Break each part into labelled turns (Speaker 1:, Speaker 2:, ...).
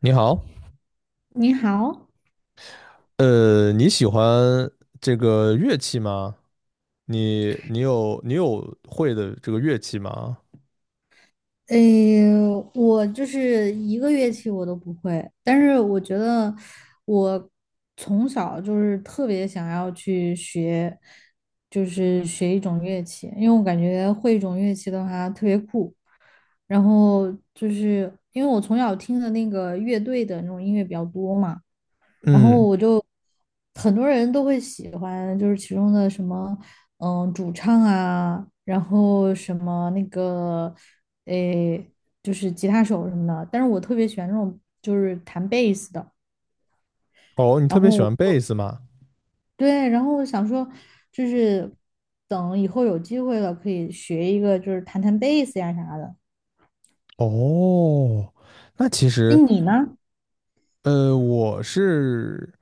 Speaker 1: 你好，
Speaker 2: 你好，
Speaker 1: 你喜欢这个乐器吗？你有会的这个乐器吗？
Speaker 2: 诶，我就是一个乐器我都不会，但是我觉得我从小就是特别想要去学，就是学一种乐器，因为我感觉会一种乐器的话特别酷。然后就是因为我从小听的那个乐队的那种音乐比较多嘛，然后
Speaker 1: 嗯。
Speaker 2: 很多人都会喜欢，就是其中的什么，主唱啊，然后什么那个，诶，就是吉他手什么的。但是我特别喜欢那种就是弹贝斯的。
Speaker 1: 哦，你特
Speaker 2: 然
Speaker 1: 别
Speaker 2: 后
Speaker 1: 喜欢贝斯吗？
Speaker 2: 对，然后我想说，就是等以后有机会了，可以学一个，就是弹弹贝斯呀啥的。
Speaker 1: 哦，那其
Speaker 2: 哎，
Speaker 1: 实，
Speaker 2: 你呢？
Speaker 1: 呃，我是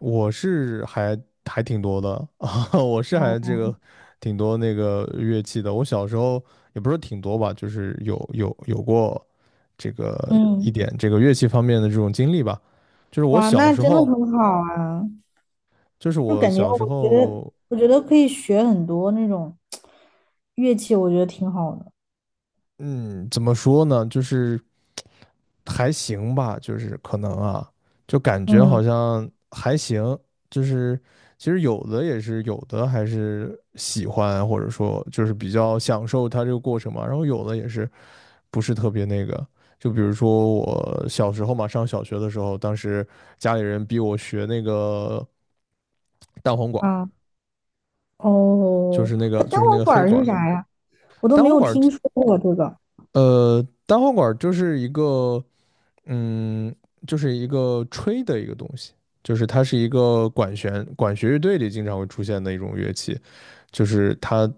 Speaker 1: 我是还挺多的 啊，我是还这
Speaker 2: 哦，
Speaker 1: 个挺多那个乐器的。我小时候也不是挺多吧，就是有过这个一
Speaker 2: 嗯，
Speaker 1: 点这个乐器方面的这种经历吧。就是我
Speaker 2: 哇，
Speaker 1: 小
Speaker 2: 那
Speaker 1: 时
Speaker 2: 真的
Speaker 1: 候。
Speaker 2: 很好啊。
Speaker 1: 就是
Speaker 2: 就
Speaker 1: 我
Speaker 2: 感觉
Speaker 1: 小时
Speaker 2: 我觉得
Speaker 1: 候，
Speaker 2: 我觉得可以学很多那种乐器，我觉得挺好的。
Speaker 1: 嗯，怎么说呢，就是还行吧，就是可能啊，就感觉
Speaker 2: 嗯
Speaker 1: 好像还行，就是其实有的也是有的还是喜欢，或者说就是比较享受它这个过程嘛，然后有的也是不是特别那个。就比如说我小时候嘛，上小学的时候，当时家里人逼我学那个蛋黄管儿，
Speaker 2: 啊
Speaker 1: 就
Speaker 2: 哦，
Speaker 1: 是那个
Speaker 2: 那单
Speaker 1: 就是那
Speaker 2: 簧
Speaker 1: 个
Speaker 2: 管
Speaker 1: 黑
Speaker 2: 儿
Speaker 1: 管
Speaker 2: 是
Speaker 1: 儿。
Speaker 2: 啥呀？我都
Speaker 1: 蛋
Speaker 2: 没
Speaker 1: 黄
Speaker 2: 有
Speaker 1: 管儿，
Speaker 2: 听说过这个。
Speaker 1: 呃，单簧管儿就是一个，嗯，就是一个吹的一个东西，就是它是一个管弦乐队里经常会出现的一种乐器，就是它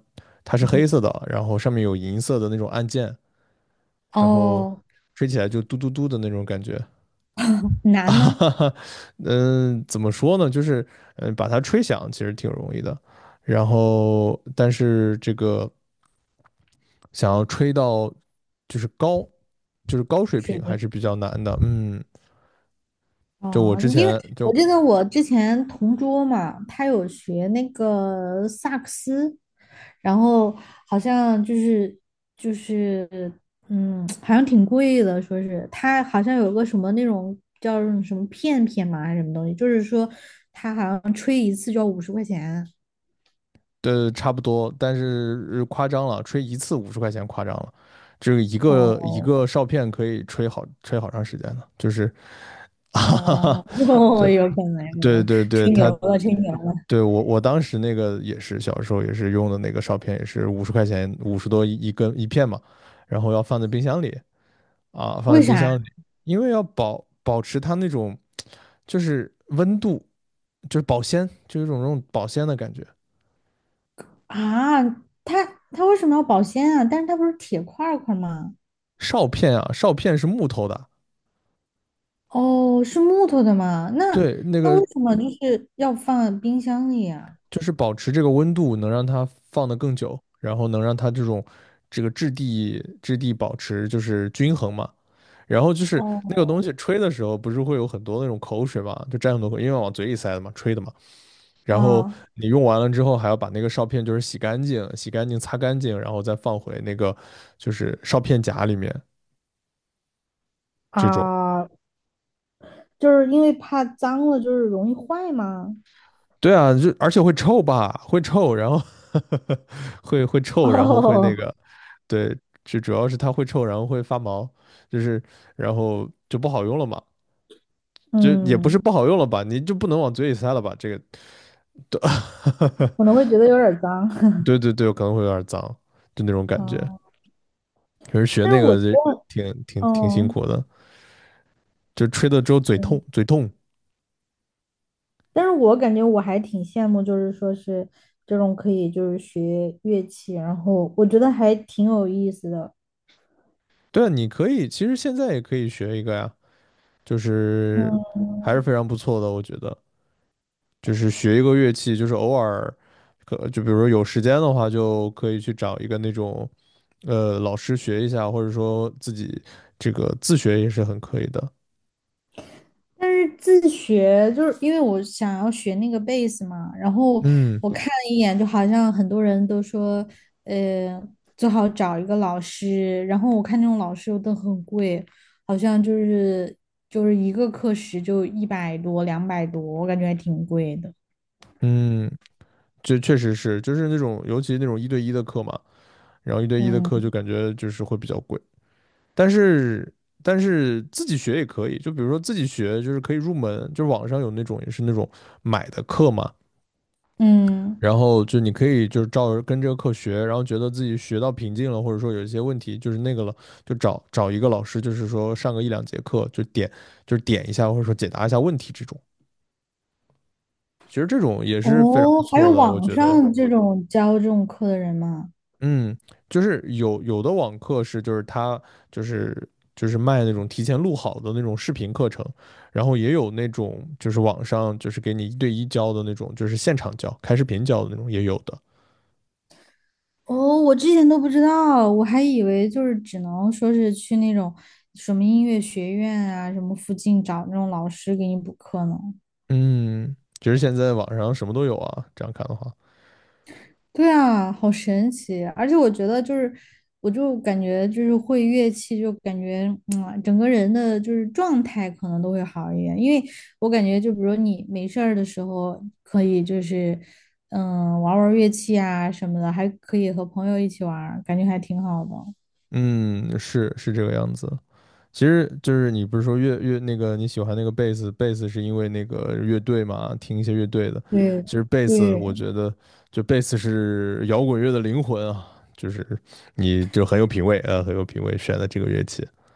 Speaker 1: 它是
Speaker 2: 嗯
Speaker 1: 黑色的，然后上面有银色的那种按键，然后
Speaker 2: 哦，
Speaker 1: 吹起来就嘟嘟嘟的那种感觉。
Speaker 2: 难吗？
Speaker 1: 哈哈。嗯，怎么说呢？就是嗯，把它吹响其实挺容易的，然后但是这个。想要吹到就是高，就是高水
Speaker 2: 水
Speaker 1: 平还
Speaker 2: 平？
Speaker 1: 是比较难的。嗯，就我
Speaker 2: 哦，
Speaker 1: 之
Speaker 2: 因为
Speaker 1: 前
Speaker 2: 我
Speaker 1: 就
Speaker 2: 记得我之前同桌嘛，他有学那个萨克斯，然后好像就是，好像挺贵的，说是他好像有个什么那种叫什么片片嘛，还是什么东西，就是说他好像吹一次就要50块钱。
Speaker 1: 差不多，但是夸张了，吹一次五十块钱夸张了，这个一
Speaker 2: 哦
Speaker 1: 个一个哨片可以吹好长时间呢，就是，哈哈
Speaker 2: 哦
Speaker 1: 哈，
Speaker 2: 哦，有可能有可
Speaker 1: 对对
Speaker 2: 能，
Speaker 1: 对对，
Speaker 2: 吹
Speaker 1: 他。
Speaker 2: 牛了吹牛了，
Speaker 1: 对，我当时那个也是小时候也是用的那个哨片，也是五十块钱50多一根一片嘛，然后要放在冰箱里，啊，放
Speaker 2: 为
Speaker 1: 在冰
Speaker 2: 啥
Speaker 1: 箱里，因为要保持它那种就是温度，就是保鲜，就有一种那种保鲜的感觉。
Speaker 2: 啊？他他为什么要保鲜啊？但是他不是铁块儿吗？
Speaker 1: 哨片啊，哨片是木头的。
Speaker 2: 哦，是木头的吗？那
Speaker 1: 对，那
Speaker 2: 那
Speaker 1: 个
Speaker 2: 为什么就是要放冰箱里呀？
Speaker 1: 就是保持这个温度，能让它放得更久，然后能让它这种这个质地保持就是均衡嘛。然后就是那个
Speaker 2: 哦，
Speaker 1: 东西吹的时候，不是会有很多那种口水嘛，就沾很多口，因为往嘴里塞的嘛，吹的嘛。然后
Speaker 2: 啊
Speaker 1: 你用完了之后，还要把那个哨片就是洗干净、洗干净、擦干净，然后再放回那个就是哨片夹里面。这种，
Speaker 2: 啊，就是因为怕脏了，就是容易坏吗？
Speaker 1: 对啊，就而且会臭吧，会臭，然后 会 臭，然后会那
Speaker 2: 哦，
Speaker 1: 个，对，就主要是它会臭，然后会发毛，就是然后就不好用了嘛，就也不是
Speaker 2: 嗯，
Speaker 1: 不好用了吧，你就不能往嘴里塞了吧，这个，对，
Speaker 2: 可能会觉得有点儿脏。
Speaker 1: 对对对，可能会有点脏，就那种感觉，
Speaker 2: 哦，
Speaker 1: 可是学
Speaker 2: 但
Speaker 1: 那
Speaker 2: 是我
Speaker 1: 个
Speaker 2: 觉
Speaker 1: 就
Speaker 2: 得，
Speaker 1: 挺辛
Speaker 2: 哦，
Speaker 1: 苦的。就吹的之后嘴
Speaker 2: 嗯
Speaker 1: 痛，嘴痛。
Speaker 2: 但是我感觉我还挺羡慕，就是说是这种可以就是学乐器，然后我觉得还挺有意思的。
Speaker 1: 对啊，你可以，其实现在也可以学一个呀，就是还是
Speaker 2: 嗯
Speaker 1: 非常不错的，我觉得，就是学一个乐器，就是偶尔，可就比如说有时间的话，就可以去找一个那种老师学一下，或者说自己这个自学也是很可以的。
Speaker 2: 但是自学就是因为我想要学那个贝斯嘛，然后
Speaker 1: 嗯。
Speaker 2: 我看了一眼，就好像很多人都说，呃，最好找一个老师，然后我看那种老师又都很贵，好像就是一个课时就100多、200多，我感觉还挺贵的。
Speaker 1: 嗯，这确实是，就是那种尤其那种一对一的课嘛，然后一对一的课就
Speaker 2: 嗯
Speaker 1: 感觉就是会比较贵。但是但是自己学也可以，就比如说自己学，就是可以入门，就是网上有那种也是那种买的课嘛，
Speaker 2: 嗯，
Speaker 1: 然后就你可以就是照着跟这个课学，然后觉得自己学到瓶颈了，或者说有一些问题就是那个了，就找一个老师，就是说上个1、2节课，就点就是点一下或者说解答一下问题这种，其实这种也是非常不
Speaker 2: 哦，还有
Speaker 1: 错的，我
Speaker 2: 网
Speaker 1: 觉得。
Speaker 2: 上这种教这种课的人吗？
Speaker 1: 嗯，就是有有的网课是，就是他就是就是卖那种提前录好的那种视频课程，然后也有那种就是网上就是给你一对一教的那种，就是现场教、开视频教的那种也有的。
Speaker 2: 哦，我之前都不知道，我还以为就是只能说是去那种什么音乐学院啊，什么附近找那种老师给你补课呢。
Speaker 1: 嗯，其实现在网上什么都有啊，这样看的话。
Speaker 2: 对啊，好神奇！而且我觉得就是，我就感觉就是会乐器，就感觉嗯，整个人的就是状态可能都会好一点，因为我感觉就比如你没事儿的时候可以就是嗯玩儿玩儿乐器啊什么的，还可以和朋友一起玩儿感觉还挺好的。
Speaker 1: 嗯，是是这个样子。其实就是你不是说乐那个你喜欢那个贝斯，贝斯是因为那个乐队嘛，听一些乐队的。
Speaker 2: 对
Speaker 1: 其实贝斯，
Speaker 2: 对，
Speaker 1: 我觉得就贝斯是摇滚乐的灵魂啊，就是你就很有品味啊，很有品味选的这个乐器。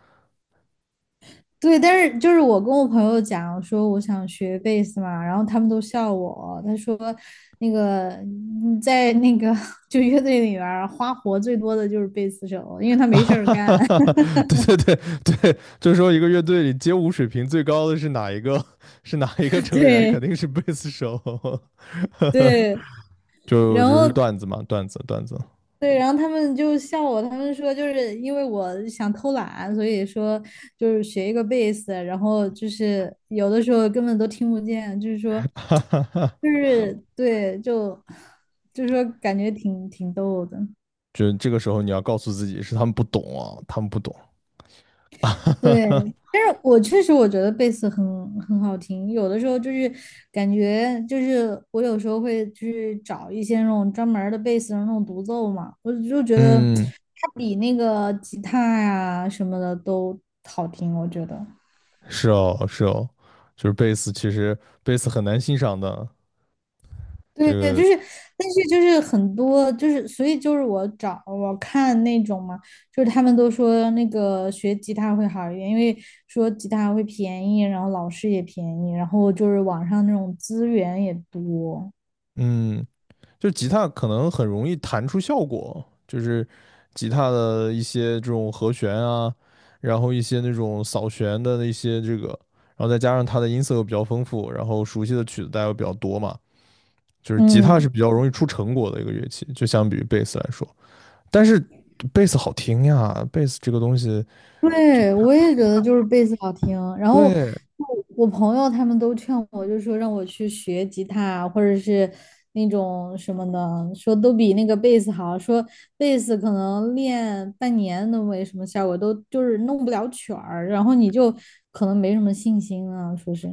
Speaker 2: 对，但是就是我跟我朋友讲，我说我想学贝斯嘛，然后他们都笑我。他说，那个嗯在那个 就乐队里边花活最多的就是贝斯手，因为他
Speaker 1: 啊
Speaker 2: 没事
Speaker 1: 哈
Speaker 2: 儿
Speaker 1: 哈哈
Speaker 2: 干。
Speaker 1: 哈，对对对，对，就是说一个乐队里街舞水平最高的是哪一个？是哪一个 成员？肯
Speaker 2: 对
Speaker 1: 定是贝斯手。
Speaker 2: 对，
Speaker 1: 就
Speaker 2: 然
Speaker 1: 就
Speaker 2: 后
Speaker 1: 是段子嘛，段子。
Speaker 2: 对，然后他们就笑我，他们说就是因为我想偷懒，所以说就是学一个贝斯，然后就是有的时候根本都听不见，就是说。就 是对，就 就是说感觉挺逗的。
Speaker 1: 就这个时候你要告诉自己是他们不懂啊，他们不懂。
Speaker 2: 对，但是我确实我觉得贝斯很好听，有的时候就是感觉就是我有时候会去找一些那种专门儿的贝斯的那种独奏嘛，我就觉得
Speaker 1: 嗯，
Speaker 2: 它比那个吉他呀什么的都好听，我觉得。
Speaker 1: 是哦，是哦，就是贝斯，其实贝斯很难欣赏的。这
Speaker 2: 对对，就
Speaker 1: 个，
Speaker 2: 是，但是就是很多，就是所以就是我看那种嘛，就是他们都说那个学吉他会好一点，因为说吉他会便宜，然后老师也便宜，然后就是网上那种资源也多。
Speaker 1: 嗯，就吉他可能很容易弹出效果，就是吉他的一些这种和弦啊，然后一些那种扫弦的那些这个，然后再加上它的音色又比较丰富，然后熟悉的曲子大家又比较多嘛，就是吉他是
Speaker 2: 嗯。
Speaker 1: 比较容易出成果的一个乐器，就相比于贝斯来说。但是贝斯好听呀，贝斯这个东西，
Speaker 2: 对，我也觉得就是贝斯好听。然后
Speaker 1: 对。
Speaker 2: 我朋友他们都劝我，就说让我去学吉他，或者是那种什么的，说都比那个贝斯好。说贝斯可能练半年都没什么效果，都就是弄不了曲儿，然后你就可能没什么信心啊，说是。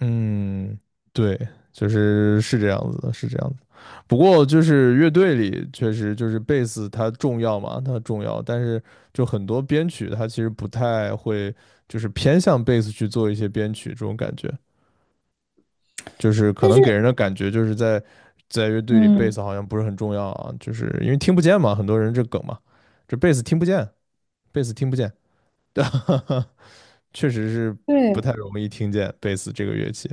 Speaker 1: 嗯，对，就是是这样子的，是这样子。不过就是乐队里确实就是贝斯它重要嘛，它重要，但是就很多编曲它其实不太会，就是偏向贝斯去做一些编曲这种感觉，就是可
Speaker 2: 但是，
Speaker 1: 能给人的感觉就是在在乐队里贝
Speaker 2: 嗯，
Speaker 1: 斯好像不是很重要啊，就是因为听不见嘛，很多人这梗嘛，这贝斯听不见，贝斯听不见。哈哈。确实是不
Speaker 2: 对。
Speaker 1: 太容易听见贝斯这个乐器，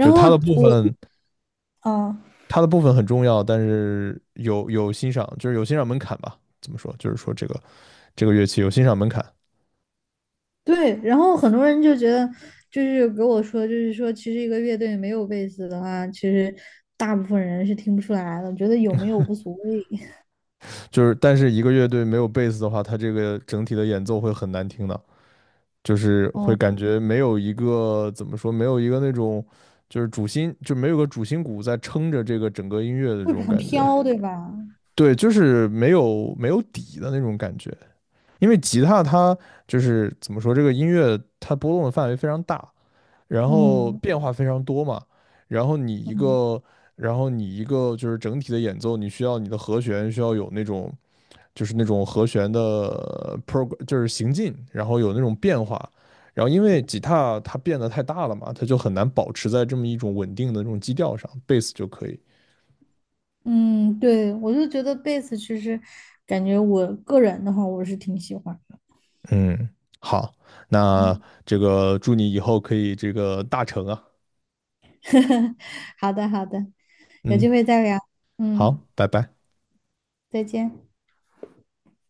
Speaker 1: 就是
Speaker 2: 后
Speaker 1: 它的部
Speaker 2: 我，
Speaker 1: 分，
Speaker 2: 啊。
Speaker 1: 它的部分很重要，但是有欣赏，就是有欣赏门槛吧。怎么说？就是说这个乐器有欣赏门槛，
Speaker 2: 对，然后很多人就觉得，就是给我说，就是说，其实一个乐队没有贝斯的话，其实大部分人是听不出来的，觉得有没有无所谓，
Speaker 1: 就是但是一个乐队没有贝斯的话，它这个整体的演奏会很难听的，就是会
Speaker 2: 哦，
Speaker 1: 感觉没有一个怎么说，没有一个那种就是主心，就没有个主心骨在撑着这个整个音乐的这
Speaker 2: 会
Speaker 1: 种
Speaker 2: 很
Speaker 1: 感觉。
Speaker 2: 飘，对吧？
Speaker 1: 对，就是没有底的那种感觉，因为吉他它就是怎么说，这个音乐它波动的范围非常大，然后
Speaker 2: 嗯
Speaker 1: 变化非常多嘛，然后你一
Speaker 2: 嗯
Speaker 1: 个，然后你一个就是整体的演奏，你需要你的和弦需要有那种，就是那种和弦的 pro 就是行进，然后有那种变化，然后因为吉他它变得太大了嘛，它就很难保持在这么一种稳定的这种基调上，贝斯就可以。
Speaker 2: 嗯，对，我就觉得贝斯其实感觉我个人的话，我是挺喜欢的。
Speaker 1: 嗯，好，那
Speaker 2: 嗯，
Speaker 1: 这个祝你以后可以这个大成啊，
Speaker 2: 好的好的，有
Speaker 1: 嗯。
Speaker 2: 机会再聊。
Speaker 1: 好，
Speaker 2: 嗯，
Speaker 1: 拜拜。
Speaker 2: 再见。